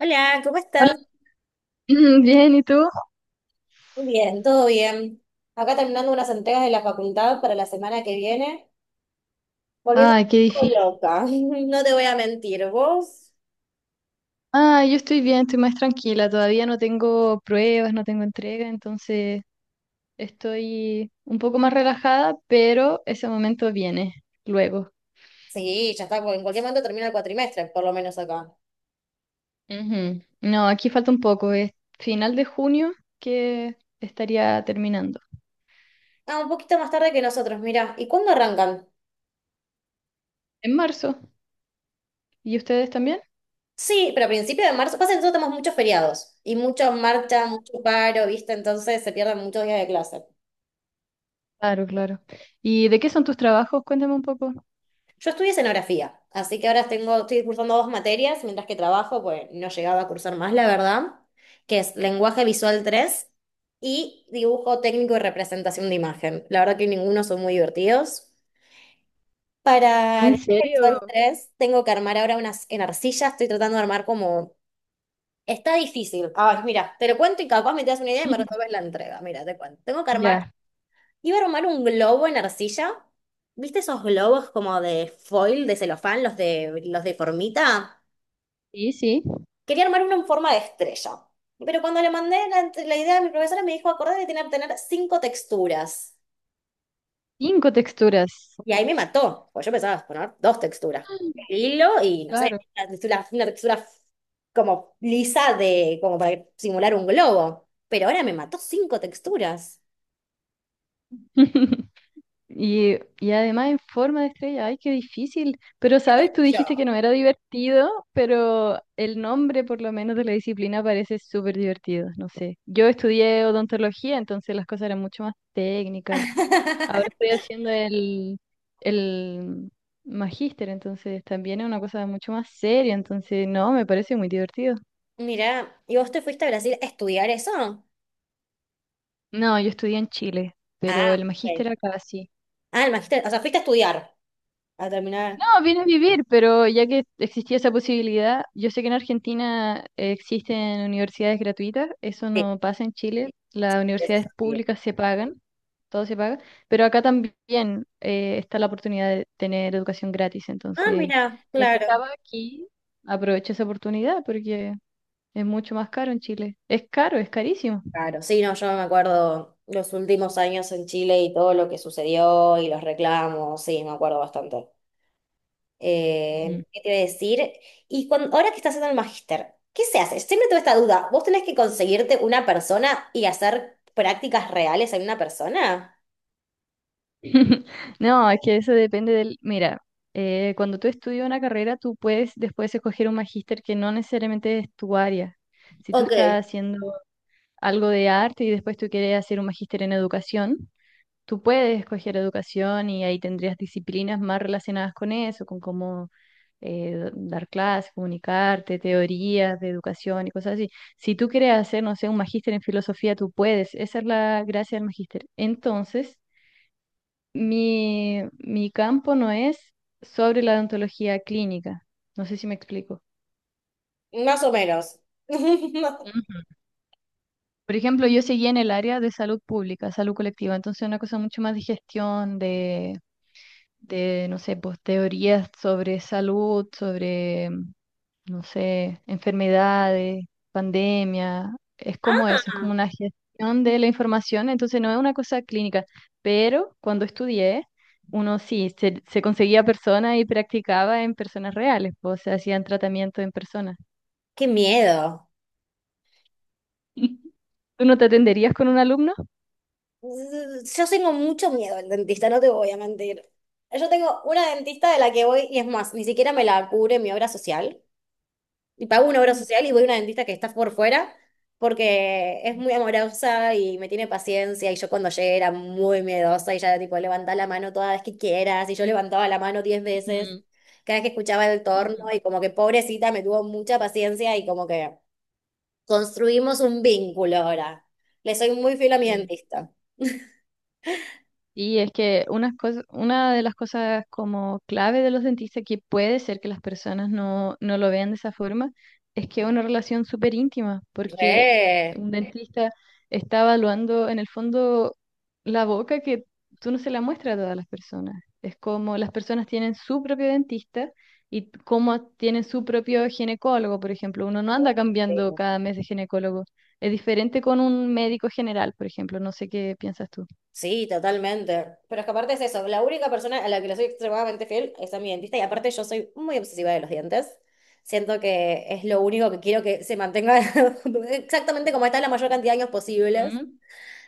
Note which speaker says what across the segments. Speaker 1: Hola, ¿cómo
Speaker 2: Hola,
Speaker 1: estás?
Speaker 2: bien, ¿y tú?
Speaker 1: Muy bien, todo bien. Acá terminando unas entregas de la facultad para la semana que viene, volviendo un
Speaker 2: Ay, qué
Speaker 1: poco
Speaker 2: difícil.
Speaker 1: loca, no te voy a mentir, ¿vos?
Speaker 2: Ah, yo estoy bien, estoy más tranquila, todavía no tengo pruebas, no tengo entrega, entonces estoy un poco más relajada, pero ese momento viene luego.
Speaker 1: Sí, ya está, porque en cualquier momento termina el cuatrimestre, por lo menos acá.
Speaker 2: Ujú. No, aquí falta un poco, es final de junio que estaría terminando.
Speaker 1: Ah, un poquito más tarde que nosotros, mirá. ¿Y cuándo arrancan?
Speaker 2: En marzo, ¿y ustedes también?
Speaker 1: Sí, pero a principios de marzo, pasa que nosotros tenemos muchos feriados y mucha marcha, mucho paro, ¿viste? Entonces se pierden muchos días de clase.
Speaker 2: Claro, claro. ¿Y de qué son tus trabajos? Cuéntame un poco.
Speaker 1: Yo estudié escenografía, así que ahora tengo, estoy cursando 2 materias mientras que trabajo, pues no llegaba a cursar más, la verdad, que es lenguaje visual 3 y dibujo técnico y representación de imagen. La verdad que ninguno son muy divertidos. Para
Speaker 2: ¿En
Speaker 1: lenguaje visual
Speaker 2: serio?
Speaker 1: 3 tengo que armar ahora unas en arcilla, estoy tratando de armar como... Está difícil. Ay, mira, te lo cuento y capaz me das una idea y me resuelves la entrega. Mira, te cuento. Tengo que armar
Speaker 2: Ya.
Speaker 1: Iba a armar un globo en arcilla. ¿Viste esos globos como de foil, de celofán, los de formita?
Speaker 2: Sí, sí.
Speaker 1: Quería armar uno en forma de estrella. Pero cuando le mandé la idea a mi profesora, me dijo, acordate que tiene que tener 5 texturas.
Speaker 2: Cinco texturas.
Speaker 1: Y ahí me mató, porque yo pensaba poner 2 texturas.
Speaker 2: Mm,
Speaker 1: El hilo y, no sé,
Speaker 2: claro.
Speaker 1: una textura como lisa de, como para simular un globo. Pero ahora me mató 5 texturas.
Speaker 2: Y además en forma de estrella, ay, qué difícil. Pero, ¿sabes? Tú
Speaker 1: Yo.
Speaker 2: dijiste que no era divertido, pero el nombre por lo menos de la disciplina parece súper divertido, no sé. Yo estudié odontología, entonces las cosas eran mucho más técnicas. Ahora estoy haciendo el magíster, entonces también es una cosa mucho más seria, entonces no, me parece muy divertido.
Speaker 1: Mira, ¿y vos te fuiste a Brasil a estudiar eso?
Speaker 2: No, yo estudié en Chile, pero
Speaker 1: Ah,
Speaker 2: el magíster
Speaker 1: ok.
Speaker 2: acá sí.
Speaker 1: Ah, el magisterio. O sea, fuiste a estudiar, a
Speaker 2: No,
Speaker 1: terminar.
Speaker 2: vine a vivir, pero ya que existía esa posibilidad, yo sé que en Argentina existen universidades gratuitas, eso
Speaker 1: Sí,
Speaker 2: no pasa en Chile, las
Speaker 1: eso es
Speaker 2: universidades
Speaker 1: así.
Speaker 2: públicas se pagan, todo se paga, pero acá también está la oportunidad de tener educación gratis,
Speaker 1: Ah,
Speaker 2: entonces
Speaker 1: mira,
Speaker 2: ya que
Speaker 1: claro.
Speaker 2: estaba aquí, aprovecho esa oportunidad porque es mucho más caro en Chile, es caro, es carísimo.
Speaker 1: Claro, sí, no, yo me acuerdo los últimos años en Chile y todo lo que sucedió y los reclamos, sí, me acuerdo bastante.
Speaker 2: Ujú.
Speaker 1: ¿Qué te iba a decir? Y cuando, ahora que estás haciendo el magíster, ¿qué se hace? Siempre tuve esta duda. ¿Vos tenés que conseguirte una persona y hacer prácticas reales en una persona?
Speaker 2: No, es que eso depende del... Mira, cuando tú estudias una carrera, tú puedes después escoger un magíster que no necesariamente es tu área. Si tú
Speaker 1: Ok.
Speaker 2: estás haciendo algo de arte y después tú quieres hacer un magíster en educación, tú puedes escoger educación y ahí tendrías disciplinas más relacionadas con eso, con cómo dar clases, comunicarte, teorías de educación y cosas así. Si tú quieres hacer, no sé, un magíster en filosofía, tú puedes. Esa es la gracia del magíster. Entonces... Mi campo no es sobre la odontología clínica. No sé si me explico.
Speaker 1: Más o menos.
Speaker 2: Ujú. Por ejemplo, yo seguí en el área de salud pública, salud colectiva, entonces una cosa mucho más de gestión, de no sé, pues teorías sobre salud, sobre no sé, enfermedades, pandemia, es como eso, es como
Speaker 1: Ah,
Speaker 2: una gestión de la información, entonces no es una cosa clínica, pero cuando estudié, uno sí, se conseguía personas y practicaba en personas reales, pues, o sea, hacían tratamiento en personas.
Speaker 1: qué miedo.
Speaker 2: ¿Tú no te atenderías con un alumno?
Speaker 1: Mm, yo tengo mucho miedo al dentista, no te voy a mentir. Yo tengo una dentista de la que voy, y es más, ni siquiera me la cubre mi obra social. Y pago una obra
Speaker 2: Mm,
Speaker 1: social y voy a una dentista que está por fuera porque es muy amorosa y me tiene paciencia. Y yo cuando llegué era muy miedosa y ya tipo levantá la mano toda vez que quieras. Y yo levantaba la mano 10 veces
Speaker 2: ujú,
Speaker 1: cada vez que escuchaba el torno
Speaker 2: ujú.
Speaker 1: y como que pobrecita me tuvo mucha paciencia y como que construimos un vínculo ahora. Le soy muy fiel a mi
Speaker 2: Sí.
Speaker 1: dentista.
Speaker 2: Y es que una de las cosas como clave de los dentistas que puede ser que las personas no, no lo vean de esa forma es que es una relación súper íntima, porque
Speaker 1: Re.
Speaker 2: un dentista está evaluando en el fondo la boca que tú no se la muestras a todas las personas. Es como las personas tienen su propio dentista y como tienen su propio ginecólogo, por ejemplo. Uno no anda
Speaker 1: Sí,
Speaker 2: cambiando cada mes de ginecólogo. Es diferente con un médico general, por ejemplo. No sé qué piensas tú.
Speaker 1: sí, totalmente. Pero es que aparte es eso, la única persona a la que le soy extremadamente fiel es a mi dentista y aparte yo soy muy obsesiva de los dientes. Siento que es lo único que quiero que se mantenga exactamente como está la mayor cantidad de años posibles.
Speaker 2: Mm.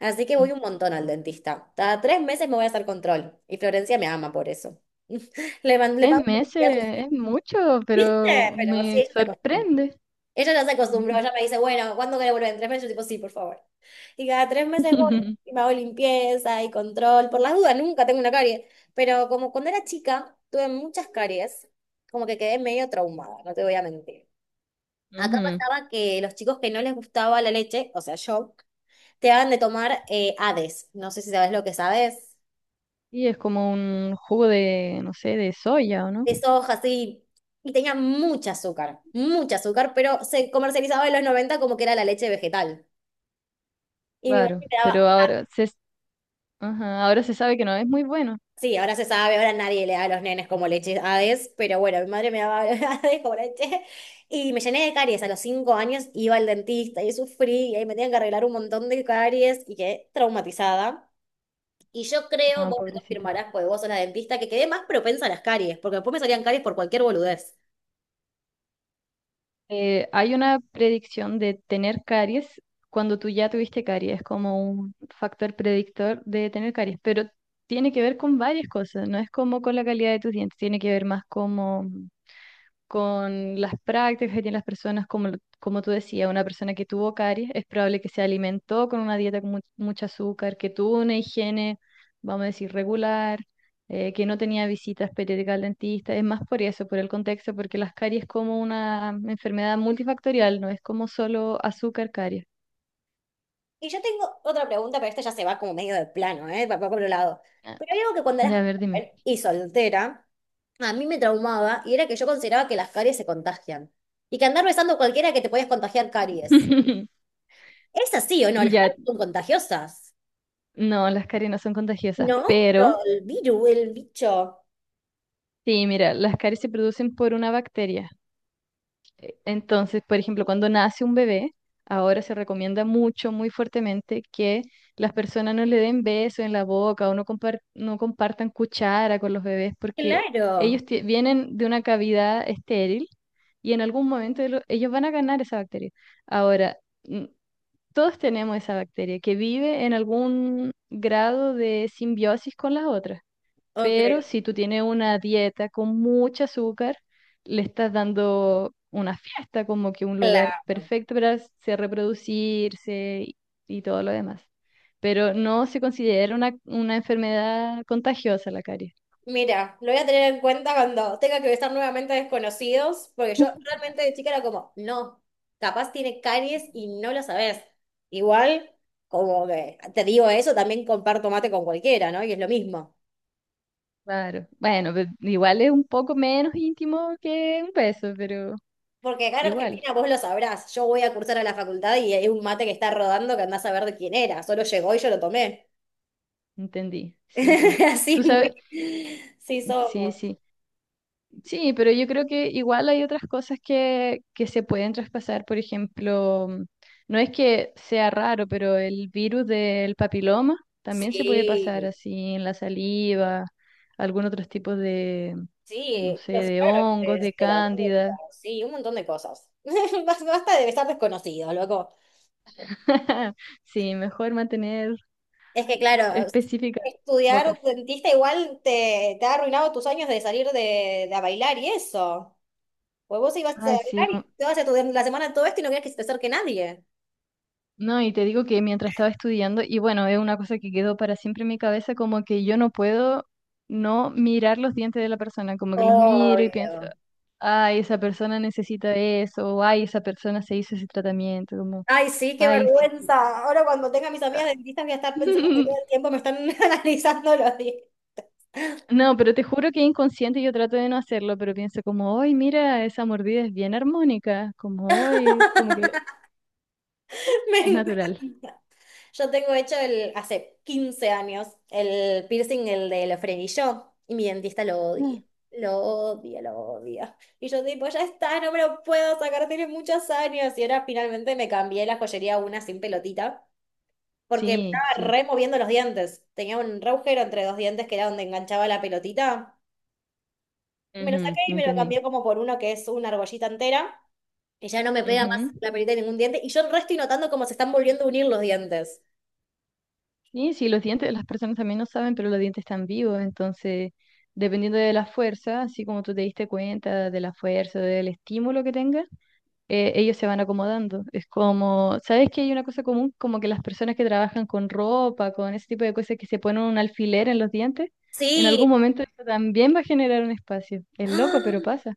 Speaker 1: Así que voy un montón al dentista. Cada 3 meses me voy a hacer control y Florencia me ama por eso. Le, man- le
Speaker 2: Tres
Speaker 1: pago a sus
Speaker 2: meses es mucho, pero
Speaker 1: pero sí,
Speaker 2: me
Speaker 1: ella se acostumbra.
Speaker 2: sorprende.
Speaker 1: Ella ya se acostumbró,
Speaker 2: Ujú.
Speaker 1: ella me dice, bueno, ¿cuándo querés volver? ¿En 3 meses? Yo tipo, sí, por favor. Y cada 3 meses voy y me hago limpieza y control. Por las dudas, nunca tengo una carie. Pero como cuando era chica, tuve muchas caries, como que quedé medio traumada, no te voy a mentir. Acá
Speaker 2: Ujú.
Speaker 1: pasaba que los chicos que no les gustaba la leche, o sea, yo, te daban de tomar Hades. No sé si sabes lo que sabes.
Speaker 2: Y es como un jugo de, no sé, de soya, ¿o no?
Speaker 1: De soja, así. Y tenía mucha azúcar, pero se comercializaba en los 90 como que era la leche vegetal. Y mi mamá
Speaker 2: Claro,
Speaker 1: me
Speaker 2: pero
Speaker 1: daba
Speaker 2: ajá, ahora se sabe que no es muy bueno.
Speaker 1: sí, ahora se sabe, ahora nadie le da a los nenes como leche Hades, pero bueno, mi madre me daba Hades como leche y me llené de caries. A los 5 años iba al dentista y sufrí y ahí me tenían que arreglar un montón de caries y quedé traumatizada. Y yo creo,
Speaker 2: No,
Speaker 1: vos me
Speaker 2: pobrecita.
Speaker 1: confirmarás, porque vos sos la dentista, que quedé más propensa a las caries, porque después me salían caries por cualquier boludez.
Speaker 2: Hay una predicción de tener caries cuando tú ya tuviste caries, es como un factor predictor de tener caries, pero tiene que ver con varias cosas, no es como con la calidad de tus dientes, tiene que ver más como con las prácticas que tienen las personas, como, como tú decías, una persona que tuvo caries, es probable que se alimentó con una dieta con mucho azúcar, que tuvo una higiene, vamos a decir, regular, que no tenía visitas periódicas al dentista. Es más por eso, por el contexto, porque las caries es como una enfermedad multifactorial, no es como solo azúcar, caries.
Speaker 1: Y yo tengo otra pregunta, pero esta ya se va como medio de plano, ¿eh? Va por un lado.
Speaker 2: Ah,
Speaker 1: Pero hay algo que cuando
Speaker 2: ya,
Speaker 1: eras
Speaker 2: a ver, dime.
Speaker 1: joven y soltera, a mí me traumaba y era que yo consideraba que las caries se contagian y que andar besando a cualquiera que te podías contagiar caries. ¿Es así o no? Las
Speaker 2: Ya,
Speaker 1: caries son contagiosas.
Speaker 2: no, las caries no son contagiosas,
Speaker 1: No, pero
Speaker 2: pero
Speaker 1: el virus, el bicho.
Speaker 2: sí, mira, las caries se producen por una bacteria. Entonces, por ejemplo, cuando nace un bebé, ahora se recomienda mucho, muy fuertemente que las personas no le den beso en la boca o no, no compartan cuchara con los bebés porque
Speaker 1: Claro.
Speaker 2: vienen de una cavidad estéril y en algún momento ellos van a ganar esa bacteria. Ahora, mm, todos tenemos esa bacteria que vive en algún grado de simbiosis con las otras.
Speaker 1: Ok,
Speaker 2: Pero si tú tienes una dieta con mucho azúcar, le estás dando una fiesta, como que un lugar
Speaker 1: claro.
Speaker 2: perfecto para se reproducirse y todo lo demás. Pero no se considera una enfermedad contagiosa la caries.
Speaker 1: Mira, lo voy a tener en cuenta cuando tenga que besar nuevamente a desconocidos, porque yo realmente de chica era como, no, capaz tiene caries y no lo sabes. Igual, como que te digo eso, también comparto mate con cualquiera, ¿no? Y es lo mismo.
Speaker 2: Claro. Bueno, igual es un poco menos íntimo que un beso, pero
Speaker 1: Porque acá en
Speaker 2: igual,
Speaker 1: Argentina vos lo sabrás, yo voy a cursar a la facultad y hay un mate que está rodando que andás a ver de quién era, solo llegó y yo lo tomé.
Speaker 2: entendí. Sí, sí.
Speaker 1: Así
Speaker 2: Tú
Speaker 1: muy,
Speaker 2: sabes,
Speaker 1: sí
Speaker 2: sí,
Speaker 1: somos.
Speaker 2: sí. Sí, pero yo creo que igual hay otras cosas que se pueden traspasar. Por ejemplo, no es que sea raro, pero el virus del papiloma también se puede pasar
Speaker 1: Sí,
Speaker 2: así en la saliva, algún otros tipos de, no
Speaker 1: sí,
Speaker 2: sé,
Speaker 1: los
Speaker 2: de hongos,
Speaker 1: árboles,
Speaker 2: de
Speaker 1: de la boca,
Speaker 2: cándida.
Speaker 1: sí, un montón de cosas. Bas- Basta de estar desconocido, loco.
Speaker 2: Sí, mejor mantener
Speaker 1: Es que claro,
Speaker 2: específicas
Speaker 1: estudiar
Speaker 2: bocas.
Speaker 1: dentista igual te ha arruinado tus años de salir de a bailar y eso. Pues vos ibas a
Speaker 2: Ay, sí,
Speaker 1: bailar y te vas a estudiar la semana todo esto y no querías que se te acerque nadie.
Speaker 2: no, y te digo que mientras estaba estudiando, y bueno, es una cosa que quedó para siempre en mi cabeza, como que yo no puedo no mirar los dientes de la persona, como que los miro y pienso,
Speaker 1: Obvio.
Speaker 2: ay, esa persona necesita eso, o ay, esa persona se hizo ese tratamiento, como,
Speaker 1: Ay, sí, qué
Speaker 2: ay, sí. Sí,
Speaker 1: vergüenza. Ahora cuando tenga a mis amigas
Speaker 2: ah".
Speaker 1: dentistas voy a estar pensando que todo el tiempo me están analizando los dientes.
Speaker 2: No, pero te juro que inconsciente yo trato de no hacerlo, pero pienso como, ay, mira, esa mordida es bien armónica, como, ay, como que
Speaker 1: Me
Speaker 2: es natural.
Speaker 1: encanta. Yo tengo hecho el, hace 15 años, el piercing, el del frenillo, y mi dentista lo odia.
Speaker 2: Ah.
Speaker 1: Lo odia, lo odia. Y yo tipo, ya está, no me lo puedo sacar, tiene muchos años. Y ahora finalmente me cambié la joyería a una sin pelotita, porque me
Speaker 2: Sí,
Speaker 1: estaba
Speaker 2: sí,
Speaker 1: removiendo los dientes. Tenía un re agujero entre 2 dientes que era donde enganchaba la pelotita. Me lo
Speaker 2: ujú,
Speaker 1: saqué y me lo
Speaker 2: entendí.
Speaker 1: cambié como por uno que es una argollita entera, que ya no me pega más
Speaker 2: Ujú.
Speaker 1: la perita de ningún diente. Y yo el resto estoy notando cómo se están volviendo a unir los dientes.
Speaker 2: Y sí, los dientes, las personas también no saben, pero los dientes están vivos, entonces, dependiendo de la fuerza, así como tú te diste cuenta de la fuerza, del estímulo que tengas, ellos se van acomodando. Es como, ¿sabes que hay una cosa común? Como que las personas que trabajan con ropa, con ese tipo de cosas que se ponen un alfiler en los dientes, en
Speaker 1: Sí.
Speaker 2: algún momento eso también va a generar un espacio. Es loco, pero
Speaker 1: ¡Ah!
Speaker 2: pasa.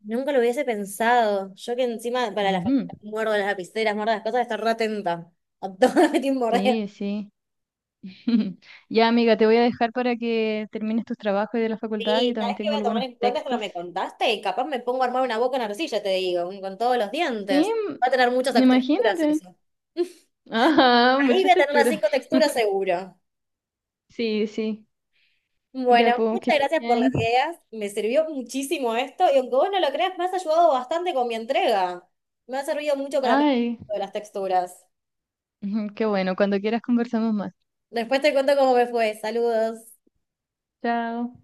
Speaker 1: Nunca lo hubiese pensado. Yo que encima para la
Speaker 2: Ujú.
Speaker 1: facultad muerdo las lapiceras, muerdo las cosas, estar re atenta. A todo lo que tiene morder.
Speaker 2: Sí, sí. Ya, amiga, te voy a dejar para que termines tus trabajos de la facultad. Yo
Speaker 1: Sí,
Speaker 2: también
Speaker 1: ¿sabes qué
Speaker 2: tengo
Speaker 1: voy a tomar
Speaker 2: algunos
Speaker 1: en cuenta esto que
Speaker 2: textos
Speaker 1: me contaste? Y capaz me pongo a armar una boca en arcilla, te digo, con todos los
Speaker 2: sí,
Speaker 1: dientes. Va a tener muchas
Speaker 2: mm,
Speaker 1: texturas
Speaker 2: imagínate.
Speaker 1: eso.
Speaker 2: Ajá,
Speaker 1: Ahí voy
Speaker 2: muchas
Speaker 1: a tener las
Speaker 2: texturas.
Speaker 1: 5 texturas seguro.
Speaker 2: Sí, sí. Ya,
Speaker 1: Bueno,
Speaker 2: pues, que
Speaker 1: muchas
Speaker 2: estés
Speaker 1: gracias por las
Speaker 2: bien.
Speaker 1: ideas. Me sirvió muchísimo esto y aunque vos no lo creas, me has ayudado bastante con mi entrega. Me ha servido mucho para aprender
Speaker 2: Ay,
Speaker 1: de las texturas.
Speaker 2: ujú, qué bueno. Cuando quieras conversamos más.
Speaker 1: Después te cuento cómo me fue. Saludos.
Speaker 2: Chao.